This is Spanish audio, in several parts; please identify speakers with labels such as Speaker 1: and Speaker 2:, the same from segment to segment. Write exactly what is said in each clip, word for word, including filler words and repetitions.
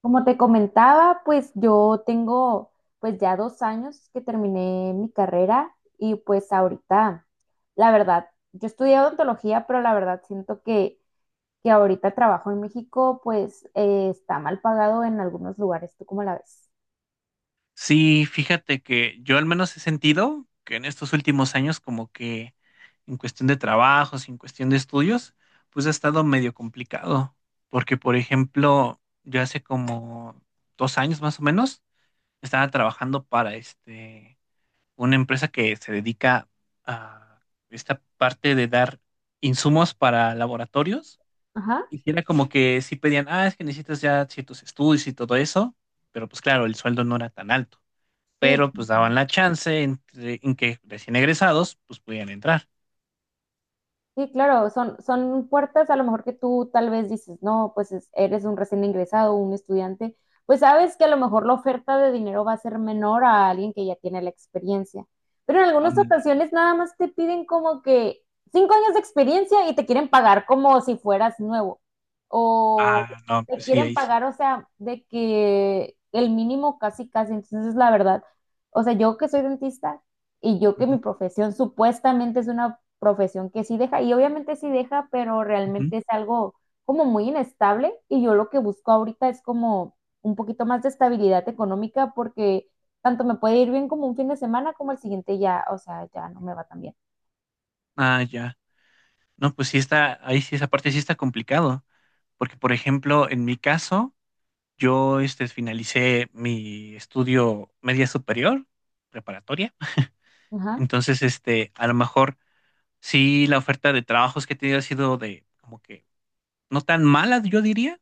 Speaker 1: Como te comentaba, pues yo tengo pues ya dos años que terminé mi carrera y pues ahorita, la verdad, yo estudié odontología, pero la verdad siento que, que ahorita el trabajo en México pues eh, está mal pagado en algunos lugares. ¿Tú cómo la ves?
Speaker 2: Sí, fíjate que yo al menos he sentido que en estos últimos años como que en cuestión de trabajos, en cuestión de estudios, pues ha estado medio complicado, porque por ejemplo, yo hace como dos años más o menos estaba trabajando para este una empresa que se dedica a esta parte de dar insumos para laboratorios
Speaker 1: Ajá,
Speaker 2: y sí era como que sí pedían, ah, es que necesitas ya ciertos estudios y todo eso, pero pues claro, el sueldo no era tan alto,
Speaker 1: sí.
Speaker 2: pero pues daban la chance entre- en que recién egresados pues pudieran entrar.
Speaker 1: Sí, claro, son, son puertas a lo mejor que tú tal vez dices, no, pues es- eres un recién ingresado, un estudiante, pues sabes que a lo mejor la oferta de dinero va a ser menor a alguien que ya tiene la experiencia. Pero en algunas
Speaker 2: Ándale.
Speaker 1: ocasiones nada más te piden como que cinco años de experiencia y te quieren pagar como si fueras nuevo. O
Speaker 2: Ah, no,
Speaker 1: te
Speaker 2: pues sí,
Speaker 1: quieren
Speaker 2: ahí sí.
Speaker 1: pagar, o sea, de que el mínimo casi, casi. Entonces, la verdad, o sea, yo que soy dentista y yo que mi
Speaker 2: Ujú,
Speaker 1: profesión supuestamente es una profesión que sí deja, y obviamente sí deja, pero
Speaker 2: ujú.
Speaker 1: realmente es algo como muy inestable y yo lo que busco ahorita es como un poquito más de estabilidad económica porque tanto me puede ir bien como un fin de semana como el siguiente ya, o sea, ya no me va tan bien.
Speaker 2: Ah, ya. No, pues sí está, ahí sí, esa parte sí está complicado, porque por ejemplo, en mi caso, yo este, finalicé mi estudio media superior, preparatoria,
Speaker 1: Ajá.
Speaker 2: entonces este, a lo mejor sí la oferta de trabajos que he tenido ha sido de como que no tan mala, yo diría.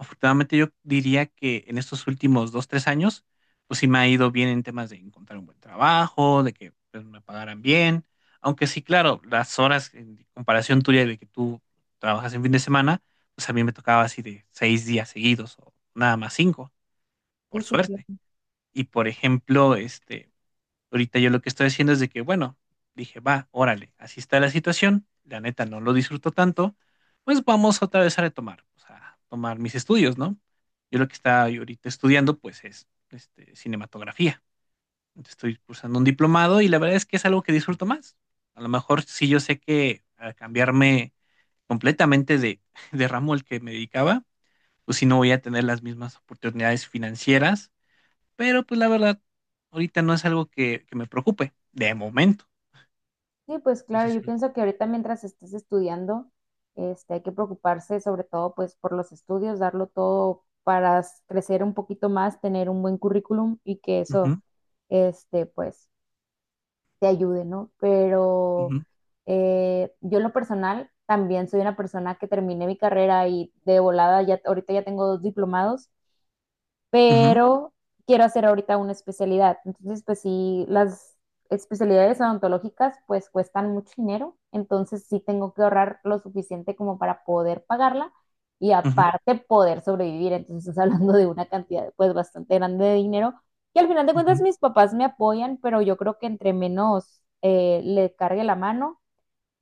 Speaker 2: Afortunadamente yo diría que en estos últimos dos, tres años, pues sí me ha ido bien en temas de encontrar un buen trabajo, de que pues, me pagaran bien, aunque sí, claro, las horas en comparación tuya de que tú trabajas en fin de semana, pues a mí me tocaba así de seis días seguidos o nada más cinco,
Speaker 1: Sí,
Speaker 2: por
Speaker 1: sí, claro.
Speaker 2: suerte. Y por ejemplo, este, ahorita yo lo que estoy haciendo es de que, bueno, dije, va, órale, así está la situación, la neta no lo disfruto tanto, pues vamos otra vez a retomar, o sea, a tomar mis estudios, ¿no? Yo lo que estaba ahorita estudiando, pues es este, cinematografía. Entonces, estoy cursando un diplomado y la verdad es que es algo que disfruto más. A lo mejor sí, yo sé que al cambiarme completamente de, de ramo al que me dedicaba, pues sí no voy a tener las mismas oportunidades financieras, pero pues la verdad, ahorita no es algo que, que me preocupe, de momento.
Speaker 1: Sí, pues
Speaker 2: Pues sí,
Speaker 1: claro,
Speaker 2: sí.
Speaker 1: yo pienso que ahorita mientras estés estudiando, este, hay que preocuparse sobre todo pues por los estudios, darlo todo para s- crecer un poquito más, tener un buen currículum y que eso,
Speaker 2: Ujú,
Speaker 1: este, pues te ayude, ¿no? Pero
Speaker 2: ujú,
Speaker 1: eh, yo en lo personal también soy una persona que terminé mi carrera y de volada, ya, ahorita ya tengo dos diplomados
Speaker 2: ujú,
Speaker 1: pero quiero hacer ahorita una especialidad. Entonces, pues sí, las especialidades odontológicas pues cuestan mucho dinero, entonces sí tengo que ahorrar lo suficiente como para poder pagarla y
Speaker 2: ujú,
Speaker 1: aparte poder sobrevivir. Entonces, estás hablando de una cantidad pues bastante grande de dinero, que al final de cuentas
Speaker 2: ujú.
Speaker 1: mis papás me apoyan, pero yo creo que entre menos eh, le cargue la mano,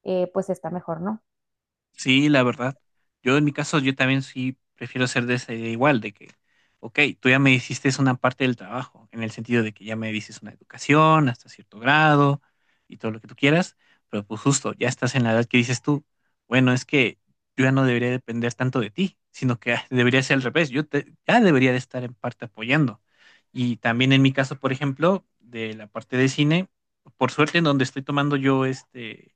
Speaker 1: eh, pues está mejor, ¿no?
Speaker 2: Sí, la verdad. Yo en mi caso, yo también sí prefiero ser de esa idea igual, de que, ok, tú ya me hiciste una parte del trabajo, en el sentido de que ya me dices una educación hasta cierto grado y todo lo que tú quieras, pero pues justo, ya estás en la edad que dices tú, bueno, es que yo ya no debería depender tanto de ti, sino que debería ser al revés, yo te- ya debería de estar en parte apoyando. Y también en mi caso, por ejemplo, de la parte de cine, por suerte en donde estoy tomando yo este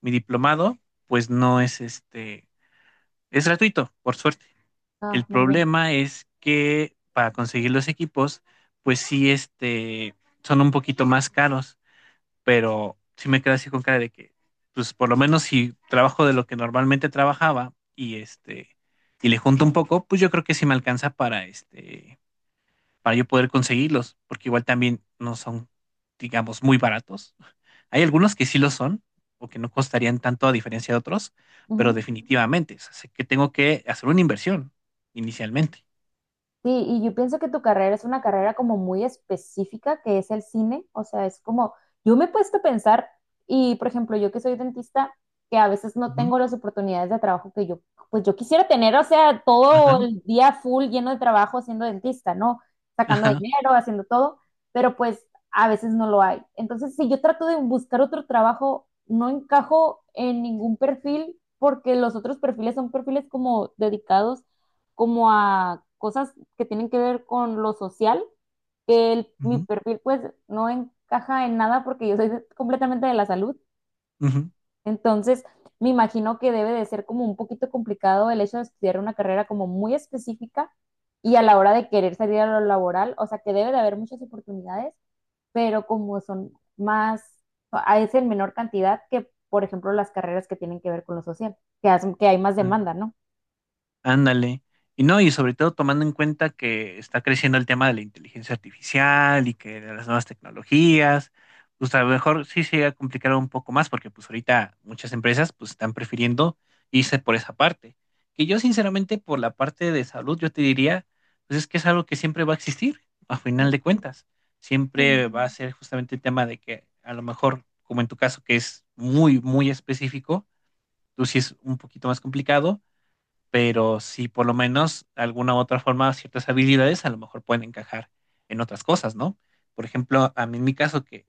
Speaker 2: mi diplomado, pues no es este, es gratuito, por suerte.
Speaker 1: Ah,
Speaker 2: El
Speaker 1: muy bien.
Speaker 2: problema es que para conseguir los equipos, pues sí, este, son un poquito más caros, pero sí me quedo así con cara de que, pues por lo menos si trabajo de lo que normalmente trabajaba y este, y le junto un poco, pues yo creo que sí me alcanza para este, para yo poder conseguirlos, porque igual también no son, digamos, muy baratos. Hay algunos que sí lo son, o que no costarían tanto a diferencia de otros, pero
Speaker 1: Ujú.
Speaker 2: definitivamente, o sea, sé que tengo que hacer una inversión inicialmente.
Speaker 1: Sí, y yo pienso que tu carrera es una carrera como muy específica, que es el cine. O sea, es como, yo me he puesto a pensar, y por ejemplo, yo que soy dentista, que a veces no
Speaker 2: Ujú,
Speaker 1: tengo las oportunidades de trabajo que yo, pues yo quisiera tener, o sea,
Speaker 2: ajá,
Speaker 1: todo el día full lleno de trabajo siendo dentista, ¿no? Sacando
Speaker 2: ajá,
Speaker 1: dinero, haciendo todo, pero pues a veces no lo hay. Entonces, si yo trato de buscar otro trabajo, no encajo en ningún perfil porque los otros perfiles son perfiles como dedicados como a cosas que tienen que ver con lo social, que el- mi
Speaker 2: ujú,
Speaker 1: perfil pues no encaja en nada porque yo soy de- completamente de la salud. Entonces, me imagino que debe de ser como un poquito complicado el hecho de estudiar una carrera como muy específica y a la hora de querer salir a lo laboral, o sea que debe de haber muchas oportunidades, pero como son más, a- es en menor cantidad que, por ejemplo, las carreras que tienen que ver con lo social, que, hacen- que hay más
Speaker 2: ujú.
Speaker 1: demanda, ¿no?
Speaker 2: Ándale. Y no, y sobre todo tomando en cuenta que está creciendo el tema de la inteligencia artificial y que de las nuevas tecnologías, pues a lo mejor sí se llega a complicar un poco más porque pues ahorita muchas empresas pues están prefiriendo irse por esa parte. Que yo sinceramente por la parte de salud yo te diría, pues es que es algo que siempre va a existir, a final
Speaker 1: Sí.
Speaker 2: de cuentas. Siempre va a
Speaker 1: Mm,
Speaker 2: ser justamente el tema de que a lo mejor, como en tu caso que es muy, muy específico, tú sí es un poquito más complicado, pero si por lo menos de alguna u otra forma ciertas habilidades a lo mejor pueden encajar en otras cosas, ¿no? Por ejemplo, a mí en mi caso que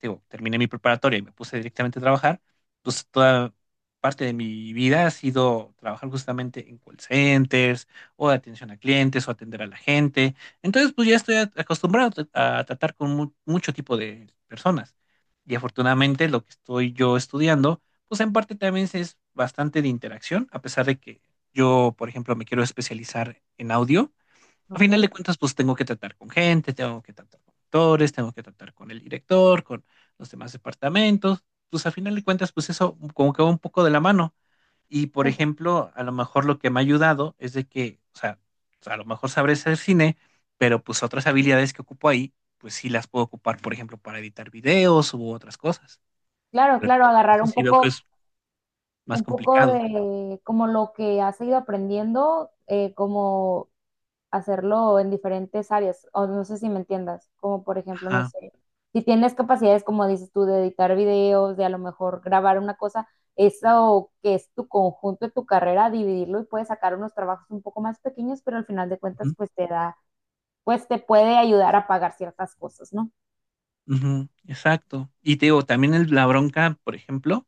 Speaker 2: digo, terminé mi preparatoria y me puse directamente a trabajar, pues toda parte de mi vida ha sido trabajar justamente en call centers o de atención a clientes o atender a la gente. Entonces, pues ya estoy a- acostumbrado a tratar con mu- mucho tipo de personas. Y afortunadamente lo que estoy yo estudiando, pues en parte también es bastante de interacción, a pesar de que yo, por ejemplo, me quiero especializar en audio. A
Speaker 1: ok.
Speaker 2: final de cuentas, pues tengo que tratar con gente, tengo que tratar con actores, tengo que tratar con el director, con los demás departamentos. Pues a final de cuentas, pues eso como que va un poco de la mano. Y por
Speaker 1: Pues
Speaker 2: ejemplo, a lo mejor lo que me ha ayudado es de que, o sea, o sea, a lo mejor sabré hacer cine, pero pues otras habilidades que ocupo ahí, pues sí las puedo ocupar, por ejemplo, para editar videos u otras cosas.
Speaker 1: Claro,
Speaker 2: Pero en
Speaker 1: claro,
Speaker 2: mi
Speaker 1: agarrar
Speaker 2: caso
Speaker 1: un
Speaker 2: sí veo
Speaker 1: poco,
Speaker 2: que es más
Speaker 1: un poco
Speaker 2: complicado.
Speaker 1: de como lo que has ido aprendiendo, eh, como hacerlo en diferentes áreas, o no sé si me entiendas, como por ejemplo, no
Speaker 2: Ajá.
Speaker 1: sé, si tienes capacidades, como dices tú, de editar videos, de a lo mejor grabar una cosa, eso que es tu conjunto de tu carrera, dividirlo y puedes sacar unos trabajos un poco más pequeños, pero al final de cuentas,
Speaker 2: Ujú,
Speaker 1: pues te da, pues te puede ayudar a pagar ciertas cosas, ¿no?
Speaker 2: ujú, exacto. Y te digo, también el- la bronca, por ejemplo,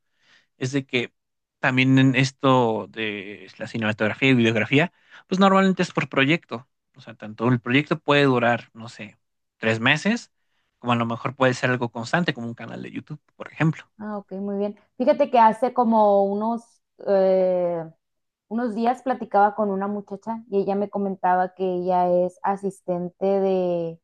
Speaker 2: es de que también en esto de la cinematografía y videografía, pues normalmente es por proyecto. O sea, tanto el proyecto puede durar, no sé, tres meses, como a lo mejor puede ser algo constante, como un canal de YouTube, por ejemplo.
Speaker 1: Ah, ok, muy bien. Fíjate que hace como unos, eh, unos días platicaba con una muchacha y ella me comentaba que ella es asistente de,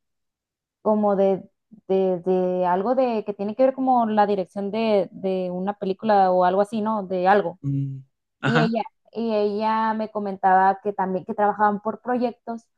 Speaker 1: como de, de, de algo de, que tiene que ver como la dirección de, de una película o algo así, ¿no? De algo.
Speaker 2: Mm,
Speaker 1: Y
Speaker 2: ajá.
Speaker 1: ella, y ella me comentaba que también que trabajaban por proyectos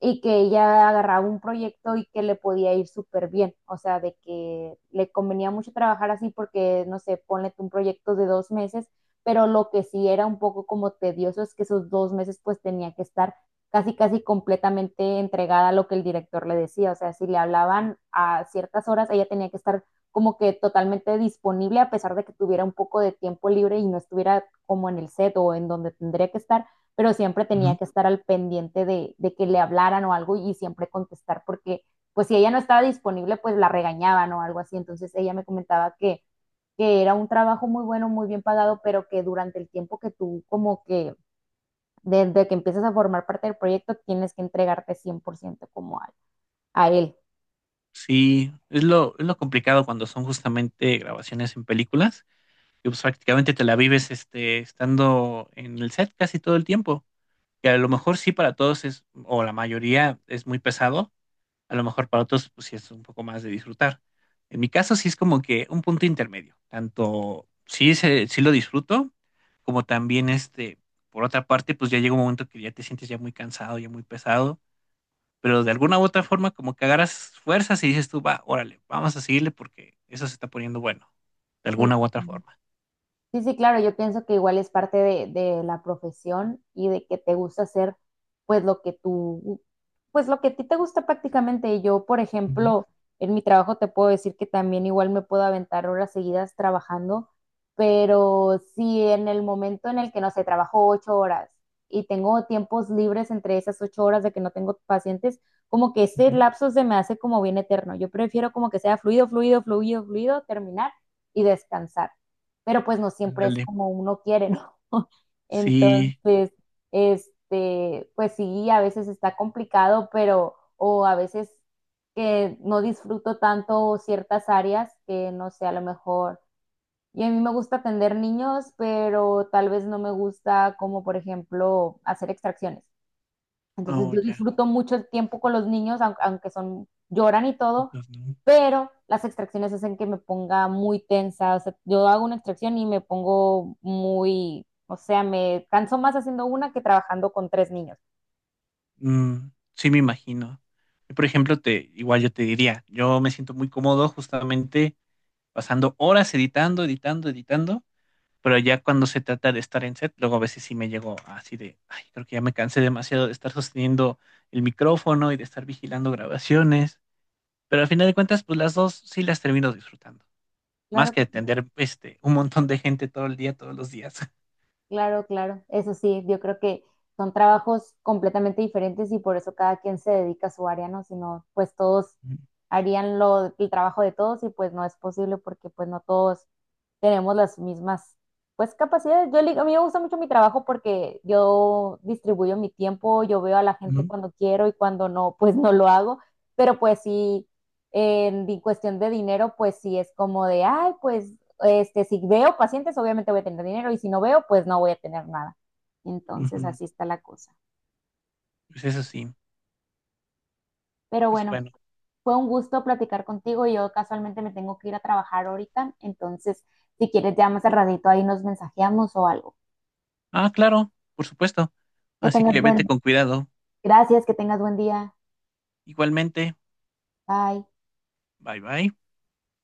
Speaker 1: y que ella agarraba un proyecto y que le podía ir súper bien, o sea, de que le convenía mucho trabajar así porque, no sé, ponle tú un proyecto de dos meses, pero lo que sí era un poco como tedioso es que esos dos meses pues tenía que estar casi, casi completamente entregada a lo que el director le decía, o sea, si le hablaban a ciertas horas, ella tenía que estar como que totalmente disponible a pesar de que tuviera un poco de tiempo libre y no estuviera como en el set o en donde tendría que estar pero siempre tenía
Speaker 2: Ujú.
Speaker 1: que estar al pendiente de, de que le hablaran o algo y siempre contestar porque pues si ella no estaba disponible, pues la regañaban o algo así. Entonces ella me comentaba que, que era un trabajo muy bueno, muy bien pagado, pero que durante el tiempo que tú como que, desde que empiezas a formar parte del proyecto, tienes que entregarte cien por ciento como a, a él.
Speaker 2: Sí, es lo, es lo complicado cuando son justamente grabaciones en películas, y pues prácticamente te la vives este, estando en el set casi todo el tiempo, que a lo mejor sí para todos es, o la mayoría es muy pesado. A lo mejor para otros, pues sí es un poco más de disfrutar. En mi caso, sí es como que un punto intermedio. Tanto sí, se- sí lo disfruto, como también este, por otra parte, pues ya llega un momento que ya te sientes ya muy cansado, ya muy pesado, pero de alguna u otra forma, como que agarras fuerzas y dices tú, va, órale, vamos a seguirle porque eso se está poniendo bueno, de alguna
Speaker 1: Entonces,
Speaker 2: u otra forma.
Speaker 1: sí, sí, claro, yo pienso que igual es parte de, de la profesión y de que te gusta hacer pues lo que tú, pues lo que a ti te gusta prácticamente. Y yo, por
Speaker 2: Ujú,
Speaker 1: ejemplo, en mi trabajo te puedo decir que también igual me puedo aventar horas seguidas trabajando, pero si en el momento en el que, no sé, trabajo ocho horas y tengo tiempos libres entre esas ocho horas de que no tengo pacientes, como que ese
Speaker 2: ujú.
Speaker 1: lapso se me hace como bien eterno. Yo prefiero como que sea fluido, fluido, fluido, fluido, terminar y descansar pero pues no siempre es
Speaker 2: Ándale.
Speaker 1: como uno quiere, ¿no?
Speaker 2: Sí,
Speaker 1: Entonces, este, pues sí, a veces está complicado, pero, o a veces que no disfruto tanto ciertas áreas que no sé, a lo mejor. Y a mí me gusta atender niños, pero tal vez no me gusta como, por ejemplo, hacer extracciones. Entonces
Speaker 2: no,
Speaker 1: yo
Speaker 2: ya,
Speaker 1: disfruto mucho el tiempo con los niños, aun- aunque son, lloran y todo,
Speaker 2: entonces, no.
Speaker 1: pero las extracciones hacen que me ponga muy tensa. O sea, yo hago una extracción y me pongo muy, o sea, me canso más haciendo una que trabajando con tres niños.
Speaker 2: Mm, sí, me imagino. Yo, por ejemplo, te, igual yo te diría, yo me siento muy cómodo justamente pasando horas editando, editando, editando, pero ya cuando se trata de estar en set, luego a veces sí me llego así de, ay, creo que ya me cansé demasiado de estar sosteniendo el micrófono y de estar vigilando grabaciones, pero al final de cuentas, pues las dos sí las termino disfrutando, más
Speaker 1: Claro que
Speaker 2: que atender este, un montón de gente todo el día, todos los días.
Speaker 1: Claro, claro, eso sí, yo creo que son trabajos completamente diferentes y por eso cada quien se dedica a su área, ¿no? Si no, pues todos harían lo, el trabajo de todos y pues no es posible porque pues no todos tenemos las mismas, pues capacidades. Yo, le- a mí me gusta mucho mi trabajo porque yo distribuyo mi tiempo, yo veo a la gente
Speaker 2: Ujú,
Speaker 1: cuando quiero y cuando no, pues no lo hago, pero pues sí. En cuestión de dinero, pues sí es como de, ay, pues este, si veo pacientes, obviamente voy a tener dinero y si no veo, pues no voy a tener nada. Entonces,
Speaker 2: ujú.
Speaker 1: así está la cosa.
Speaker 2: Pues eso sí,
Speaker 1: Pero
Speaker 2: pues
Speaker 1: bueno,
Speaker 2: bueno.
Speaker 1: fue un gusto platicar contigo. Yo casualmente me tengo que ir a trabajar ahorita, entonces, si quieres, ya más al ratito ahí nos mensajeamos o algo.
Speaker 2: Ah, claro, por supuesto.
Speaker 1: Que
Speaker 2: Así
Speaker 1: tengas
Speaker 2: que vete
Speaker 1: buen,
Speaker 2: con cuidado.
Speaker 1: gracias, que tengas buen día.
Speaker 2: Igualmente,
Speaker 1: Bye.
Speaker 2: bye bye.